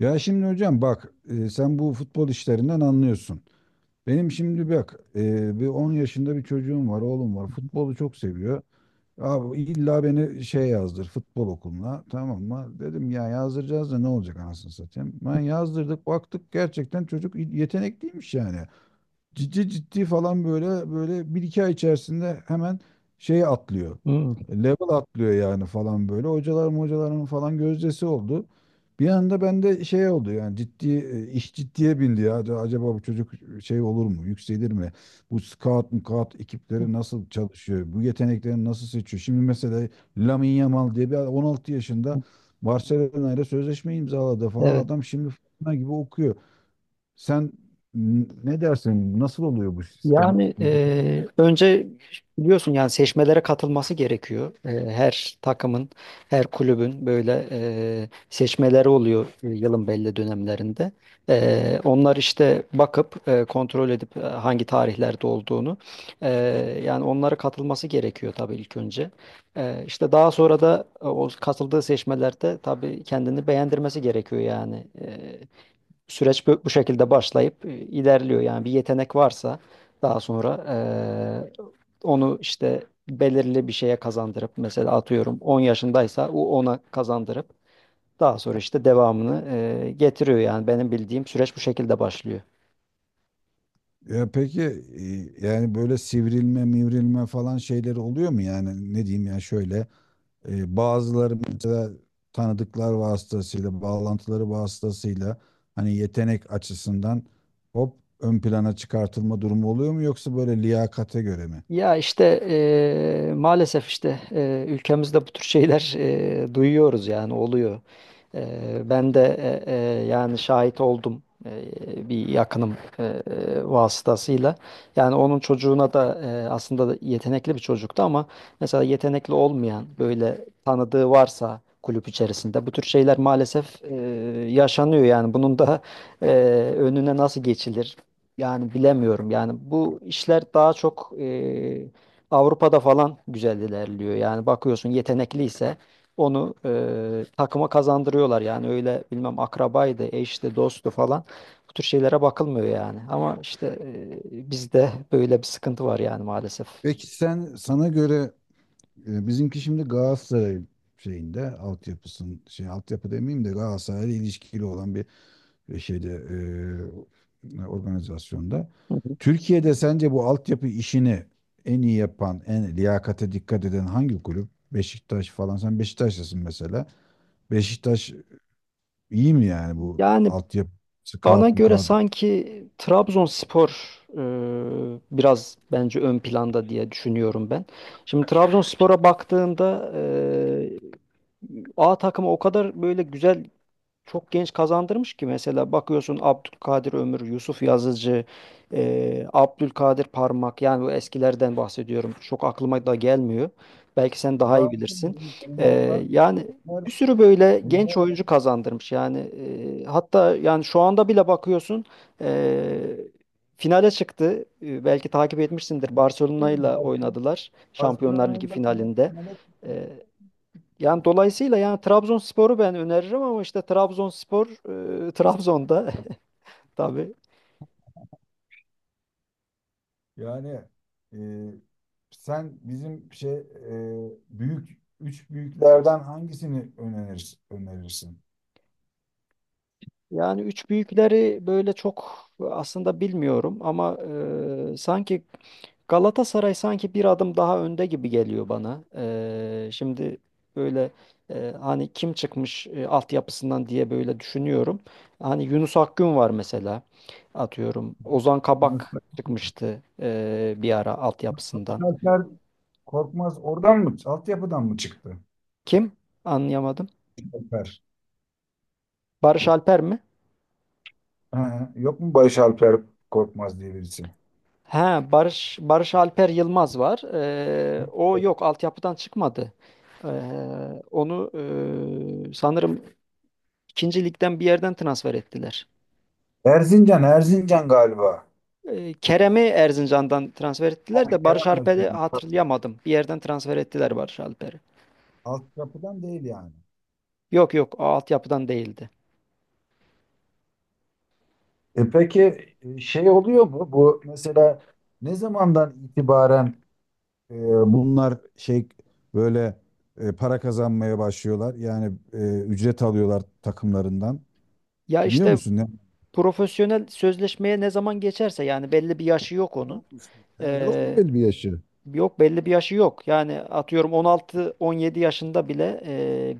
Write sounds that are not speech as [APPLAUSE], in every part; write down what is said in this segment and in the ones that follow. Ya şimdi hocam bak, sen bu futbol işlerinden anlıyorsun. Benim şimdi bak, bir 10 yaşında bir çocuğum var, oğlum var. Futbolu çok seviyor. Abi illa beni şey yazdır futbol okuluna, tamam mı? Dedim ya yazdıracağız da ne olacak anasını satayım. Ben yazdırdık baktık gerçekten çocuk yetenekliymiş yani ciddi ciddi falan böyle böyle bir iki ay içerisinde hemen şey atlıyor. Hmm. Level atlıyor yani falan böyle. Hocalarım hocalarım falan gözdesi oldu. Bir anda bende şey oldu yani ciddi, iş ciddiye bindi ya. Acaba bu çocuk şey olur mu? Yükselir mi? Bu scout mukat ekipleri nasıl çalışıyor? Bu yetenekleri nasıl seçiyor? Şimdi mesela Lamine Yamal diye bir adam 16 yaşında Barcelona ile sözleşme imzaladı falan. Evet. Adam şimdi fırtına gibi okuyor. Sen ne dersin? Nasıl oluyor bu sistem? Yani Bil- önce biliyorsun yani seçmelere katılması gerekiyor. Her takımın, her kulübün böyle seçmeleri oluyor yılın belli dönemlerinde. Onlar işte bakıp kontrol edip hangi tarihlerde olduğunu e, yani onlara katılması gerekiyor tabii ilk önce. İşte daha sonra da o katıldığı seçmelerde tabii kendini beğendirmesi gerekiyor yani. Süreç bu, bu şekilde başlayıp ilerliyor. Yani bir yetenek varsa daha sonra e, onu işte belirli bir şeye kazandırıp mesela atıyorum 10 yaşındaysa o ona kazandırıp daha sonra işte devamını getiriyor. Yani benim bildiğim süreç bu şekilde başlıyor. Ya peki, yani böyle sivrilme, mivrilme falan şeyleri oluyor mu yani ne diyeyim ya şöyle. Bazıları mesela tanıdıklar vasıtasıyla, bağlantıları vasıtasıyla hani yetenek açısından hop ön plana çıkartılma durumu oluyor mu, yoksa böyle liyakate göre mi? Ya işte maalesef işte ülkemizde bu tür şeyler duyuyoruz yani oluyor. Eee, Ben de yani şahit oldum bir yakınım vasıtasıyla. Yani onun çocuğuna da aslında da yetenekli bir çocuktu ama mesela yetenekli olmayan böyle tanıdığı varsa kulüp içerisinde bu tür şeyler maalesef yaşanıyor yani bunun da eee, önüne nasıl geçilir? Yani bilemiyorum. Yani bu işler daha çok Avrupa'da falan güzel ilerliyor. Yani bakıyorsun yetenekliyse onu takıma kazandırıyorlar. Yani öyle bilmem akrabaydı, eşti, dosttu falan. Bu tür şeylere bakılmıyor yani. Ama işte bizde böyle bir sıkıntı var yani maalesef. Peki sen sana göre, bizimki şimdi Galatasaray şeyinde altyapısın şey altyapı demeyeyim de Galatasaray'la ilişkili olan bir, şeyde, organizasyonda. Hı hı. Türkiye'de sence bu altyapı işini en iyi yapan, en liyakate dikkat eden hangi kulüp? Beşiktaş falan. Sen Beşiktaşlısın mesela. Beşiktaş iyi mi yani, bu Yani altyapısı bana kağıt mı göre kağıt? sanki Trabzonspor biraz bence ön planda diye düşünüyorum ben. Şimdi Trabzonspor'a baktığında A takımı o kadar böyle güzel çok genç kazandırmış ki mesela bakıyorsun Abdülkadir Ömür, Yusuf Yazıcı, Abdülkadir Parmak yani bu eskilerden bahsediyorum. Çok aklıma da gelmiyor. Belki sen daha iyi Var, bilirsin. yeniler var. Yani Var. bir sürü böyle Yeniler genç oyuncu var. kazandırmış. Yani hatta yani şu anda bile bakıyorsun eee, finale çıktı. Belki takip etmişsindir. Barcelona ile Barcelona- oynadılar Şampiyonlar Ligi Barcelona'yla bile- finalinde. E, Yani dolayısıyla yani Trabzonspor'u ben öneririm ama işte Trabzonspor Trabzon'da [LAUGHS] tabii. Yani, e, sen bizim şey, büyük üç büyüklerden hangisini önerirsin? Yani üç büyükleri böyle çok aslında bilmiyorum ama sanki Galatasaray sanki bir adım daha önde gibi geliyor bana. Şimdi böyle hani kim çıkmış altyapısından diye böyle düşünüyorum. Hani Yunus Akgün var mesela atıyorum. Ozan Yani Kabak çıkmıştı bir ara altyapısından. Salih Korkmaz oradan mı? Altyapıdan mı çıktı? Kim? Anlayamadım. Alper. Barış Alper mi? Ha, yok mu Barış Alper Korkmaz diye birisi? Ha, Barış Alper Yılmaz var. O yok, altyapıdan çıkmadı. Ee, Onu sanırım ikinci ligden bir yerden transfer ettiler. Erzincan, Erzincan galiba. Kerem'i Erzincan'dan transfer Ha, ettiler de Barış Kerem Alper'i Erzincan. Tabii. hatırlayamadım. Bir yerden transfer ettiler Barış Alper'i. Altyapıdan değil yani. Yok yok, o altyapıdan değildi. E peki, şey oluyor mu? Bu mesela ne zamandan itibaren, e, bunlar şey böyle, para kazanmaya başlıyorlar? Yani ücret alıyorlar takımlarından. Ya Biliyor işte musun ne? profesyonel sözleşmeye ne zaman geçerse yani belli bir yaşı yok onun. He, yok mu Ee, belli bir yaşı? Yok belli bir yaşı yok. Yani atıyorum 16-17 yaşında bile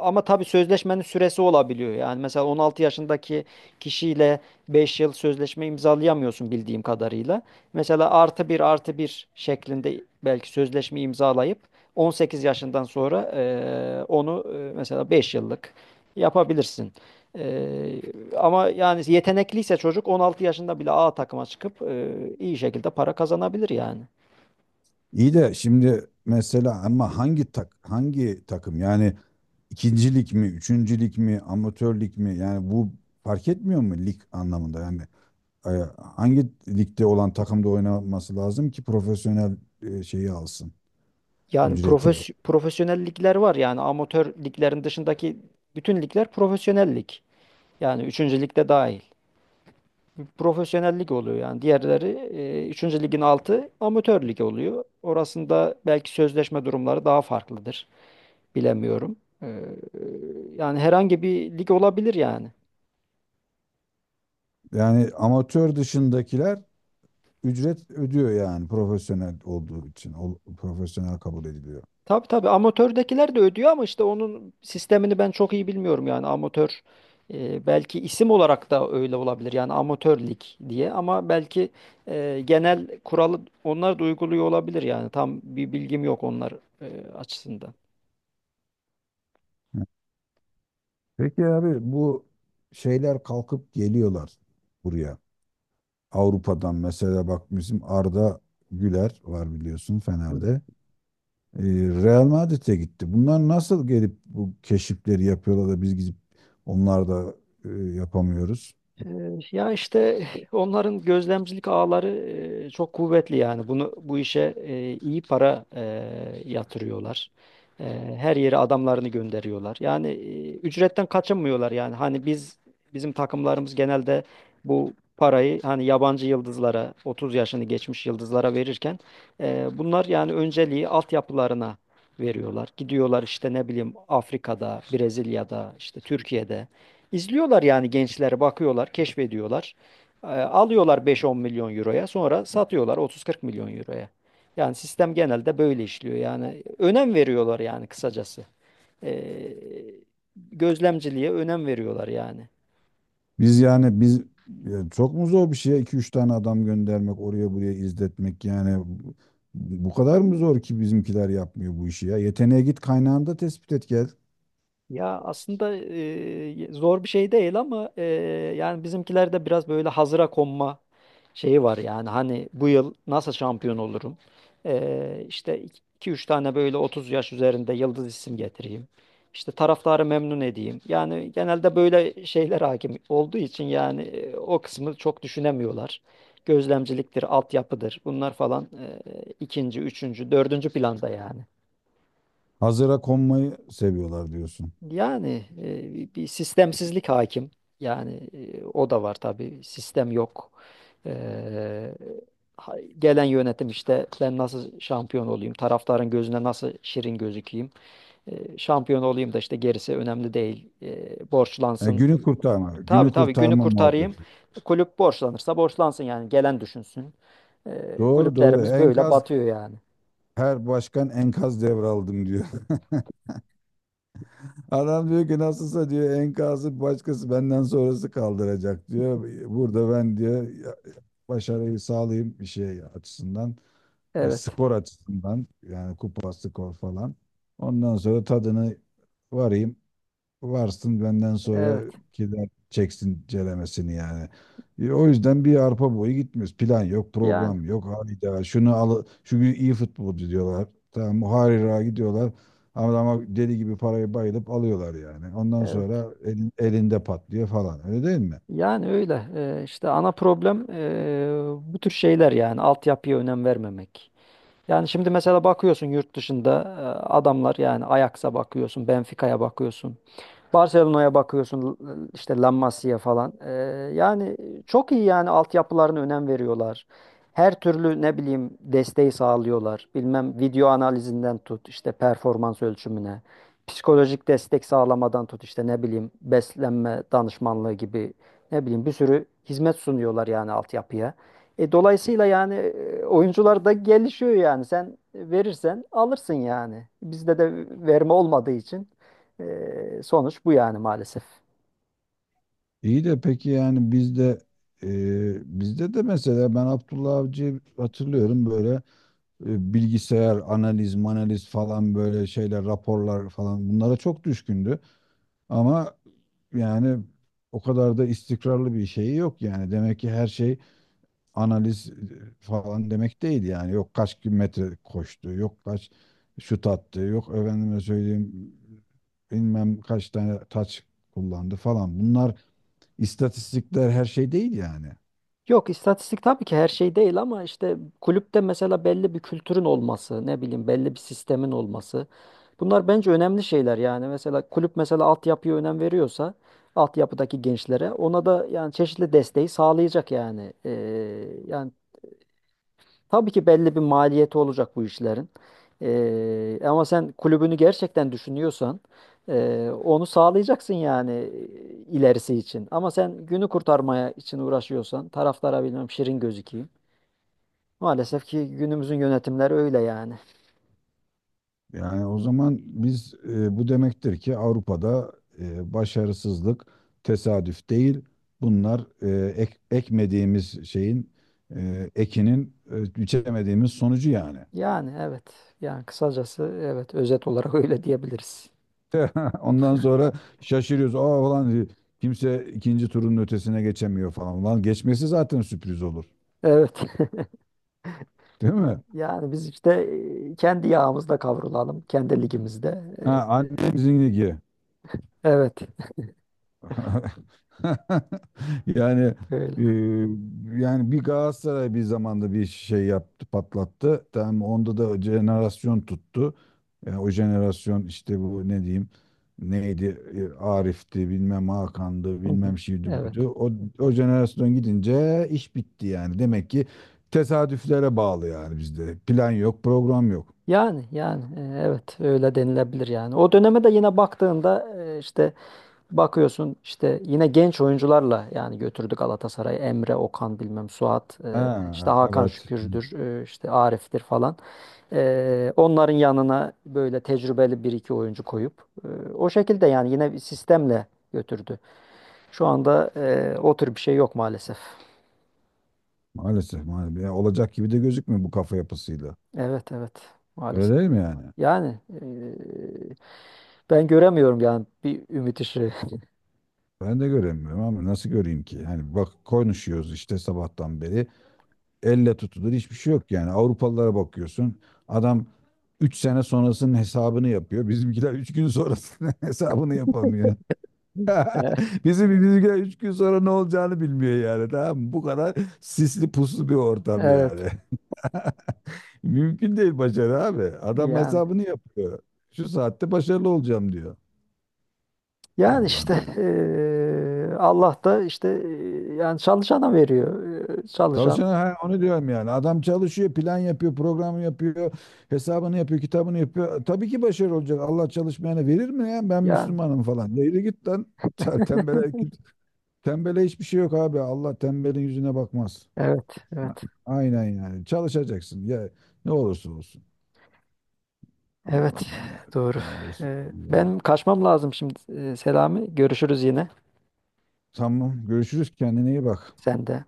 ama tabii sözleşmenin süresi olabiliyor. Yani mesela 16 yaşındaki kişiyle 5 yıl sözleşme imzalayamıyorsun bildiğim kadarıyla. Mesela artı bir artı bir şeklinde belki sözleşme imzalayıp 18 yaşından sonra onu mesela 5 yıllık yapabilirsin. E, Ama yani yetenekliyse çocuk 16 yaşında bile A takıma çıkıp iyi şekilde para kazanabilir yani. İyi de şimdi mesela ama hangi takım yani, ikincilik mi, üçüncülük mi, amatörlük mi? Yani bu fark etmiyor mu lig anlamında? Yani, e, hangi ligde olan takımda oynaması lazım ki profesyonel şeyi alsın Yani ücreti. Profesyonel ligler var yani amatör liglerin dışındaki bütün ligler profesyonel lig. Yani üçüncü ligde dahil. Profesyonel lig oluyor yani. Diğerleri 3. ligin altı amatör lig oluyor. Orasında belki sözleşme durumları daha farklıdır. Bilemiyorum. Ee, Yani herhangi bir lig olabilir yani. Yani amatör dışındakiler ücret ödüyor yani, profesyonel olduğu için o, profesyonel kabul ediliyor. Tabii tabii amatördekiler de ödüyor ama işte onun sistemini ben çok iyi bilmiyorum yani amatör belki isim olarak da öyle olabilir yani amatör lig diye ama belki genel kuralı onlar da uyguluyor olabilir yani tam bir bilgim yok onlar e, açısından. Peki abi, bu şeyler kalkıp geliyorlar buraya. Avrupa'dan mesela bak, bizim Arda Güler var biliyorsun, Fener'de. Ee, Real Madrid'e gitti. Bunlar nasıl gelip bu keşifleri yapıyorlar da biz gidip onlar da yapamıyoruz. Ya işte onların gözlemcilik ağları çok kuvvetli yani bunu bu işe iyi para yatırıyorlar. E, Her yere adamlarını gönderiyorlar. Yani ücretten kaçınmıyorlar yani hani bizim takımlarımız genelde bu parayı hani yabancı yıldızlara 30 yaşını geçmiş yıldızlara verirken bunlar yani önceliği altyapılarına veriyorlar. Gidiyorlar işte ne bileyim Afrika'da, Brezilya'da, işte Türkiye'de İzliyorlar yani gençler bakıyorlar, keşfediyorlar. Alıyorlar 5-10 milyon euroya, sonra satıyorlar 30-40 milyon euroya. Yani sistem genelde böyle işliyor. Yani önem veriyorlar yani kısacası. Ee, Gözlemciliğe önem veriyorlar yani. Biz yani biz yani, çok mu zor bir şey iki üç tane adam göndermek oraya buraya, izletmek yani? Bu kadar mı zor ki bizimkiler yapmıyor bu işi ya? Yeteneğe git, kaynağında tespit et, gel. Ya aslında zor bir şey değil ama yani bizimkilerde biraz böyle hazıra konma şeyi var yani hani bu yıl nasıl şampiyon olurum? İşte iki üç tane böyle 30 yaş üzerinde yıldız isim getireyim. İşte taraftarı memnun edeyim. Yani genelde böyle şeyler hakim olduğu için yani o kısmı çok düşünemiyorlar. Gözlemciliktir, altyapıdır bunlar falan ikinci, üçüncü, dördüncü planda yani. Hazıra konmayı seviyorlar diyorsun. Yani bir sistemsizlik hakim. Yani o da var tabii. Sistem yok. Eee, gelen yönetim işte ben nasıl şampiyon olayım, taraftarın gözüne nasıl şirin gözükeyim, şampiyon olayım da işte gerisi önemli değil, borçlansın. Günü kurtarma, Tabii günü tabii günü kurtarma kurtarayım. muhabbeti. Kulüp borçlanırsa borçlansın yani gelen düşünsün. Doğru doğru. Kulüplerimiz böyle batıyor yani. Her başkan enkaz devraldım diyor. [LAUGHS] Adam diyor ki nasılsa diyor, enkazı başkası benden sonrası kaldıracak diyor. Burada ben, diyor, ya- başarıyı sağlayayım bir şey açısından, Evet, skor açısından yani, kupa skor falan. Ondan sonra tadını varayım. Varsın benden sonra evet. gider çeksin celemesini yani. O yüzden bir arpa boyu gitmiyoruz. Plan yok, Yani program yok. Hayda şunu al, şu gün iyi futbolcu diyorlar. Tamam harira gidiyorlar. Ama deli gibi parayı bayılıp alıyorlar yani. Ondan evet. sonra elinde patlıyor falan. Öyle değil mi? Yani öyle. İşte ana problem bu tür şeyler yani altyapıya önem vermemek. Yani şimdi mesela bakıyorsun yurt dışında e, adamlar yani Ajax'a bakıyorsun, Benfica'ya bakıyorsun. Barcelona'ya bakıyorsun işte La Masia falan. Yani çok iyi yani altyapılarına önem veriyorlar. Her türlü ne bileyim desteği sağlıyorlar. Bilmem video analizinden tut işte performans ölçümüne. Psikolojik destek sağlamadan tut işte ne bileyim beslenme danışmanlığı gibi ne bileyim bir sürü hizmet sunuyorlar yani altyapıya. Dolayısıyla yani oyuncular da gelişiyor yani sen verirsen alırsın yani. Bizde de verme olmadığı için. Sonuç bu yani maalesef. İyi de peki yani bizde de mesela ben Abdullah Avcı'yı hatırlıyorum böyle, bilgisayar analiz manaliz falan, böyle şeyler raporlar falan, bunlara çok düşkündü. Ama yani o kadar da istikrarlı bir şeyi yok yani. Demek ki her şey analiz falan demek değil yani. Yok kaç kilometre koştu, yok kaç şut attı, yok efendime söyleyeyim bilmem kaç tane taç kullandı falan. Bunlar istatistikler, her şey değil yani. Yok istatistik tabii ki her şey değil ama işte kulüpte mesela belli bir kültürün olması, ne bileyim belli bir sistemin olması. Bunlar bence önemli şeyler yani. Mesela kulüp mesela altyapıya önem veriyorsa altyapıdaki gençlere ona da yani çeşitli desteği sağlayacak yani. Yani tabii ki belli bir maliyeti olacak bu işlerin. Ama sen kulübünü gerçekten düşünüyorsan onu sağlayacaksın yani ilerisi için. Ama sen günü kurtarmaya için uğraşıyorsan taraftara bilmem şirin gözükeyim. Maalesef ki günümüzün yönetimleri öyle yani. Yani o zaman biz, bu demektir ki Avrupa'da, başarısızlık tesadüf değil. Bunlar ekmediğimiz şeyin, ekinin, biçemediğimiz sonucu yani. Yani evet. Yani kısacası evet özet olarak [LAUGHS] öyle diyebiliriz. [LAUGHS] Ondan sonra şaşırıyoruz. Aa ulan, kimse ikinci turun ötesine geçemiyor falan. Ulan, geçmesi zaten sürpriz olur. Evet. [LAUGHS] Değil mi? Yani biz işte kendi yağımızda kavrulalım, kendi ligimizde. Ha, E, annemizin ligi. Evet. [LAUGHS] Yani [LAUGHS] Öyle. e, yani bir Galatasaray bir zamanda bir şey yaptı, patlattı. Tamam, onda da jenerasyon tuttu. Yani o jenerasyon işte bu ne diyeyim, neydi, Arif'ti bilmem, Hakan'dı Hı hı. bilmem, şuydu Evet. buydu. O jenerasyon gidince iş bitti yani. Demek ki tesadüflere bağlı yani bizde. Plan yok, program yok. Yani evet öyle denilebilir yani. O döneme de yine baktığında işte bakıyorsun işte yine genç oyuncularla yani götürdü Galatasaray'ı. Emre, Okan bilmem Suat işte Ha, Hakan. Evet. evet. Şükür'dür işte Arif'tir falan. Onların yanına böyle tecrübeli bir iki oyuncu koyup o şekilde yani yine bir sistemle götürdü. Şu anda o tür bir şey yok maalesef. Maalesef, maalesef. Yani olacak gibi de gözükmüyor bu kafa yapısıyla. Evet evet Öyle maalesef. değil mi yani? Yani ben göremiyorum yani bir ümit ışığı. Ben de göremiyorum, ama nasıl göreyim ki? Hani bak, konuşuyoruz işte sabahtan beri. Elle tutulur hiçbir şey yok yani. Avrupalılara bakıyorsun. Adam 3 sene sonrasının hesabını yapıyor. Bizimkiler 3 gün sonrasının [LAUGHS] hesabını yapamıyor. [LAUGHS] E, [LAUGHS] Bizimkiler 3 gün sonra ne olacağını bilmiyor yani. Tamam mı? Bu kadar sisli puslu bir ortam Evet yani. [LAUGHS] Mümkün değil başarı abi. Adam yani hesabını yapıyor. Şu saatte başarılı olacağım diyor. yani işte Allah'ım ya. Allah da işte yani çalışana veriyor. Çalışan Çalışan, ha, onu diyorum yani. Adam çalışıyor, plan yapıyor, program yapıyor, hesabını yapıyor, kitabını yapıyor. Tabii ki başarılı olacak. Allah çalışmayana verir mi ya? Ben yani Müslümanım falan. Yürü git lan. Tembele, tembele hiçbir şey yok abi. Allah tembelin yüzüne bakmaz. evet evet Ha, aynen yani. Çalışacaksın. Ya, ne olursa olsun. evet Allah'ım ya. doğru. Ya Resulallah. Ben kaçmam lazım şimdi. Selami görüşürüz yine Tamam. Görüşürüz. Kendine iyi bak. sen de.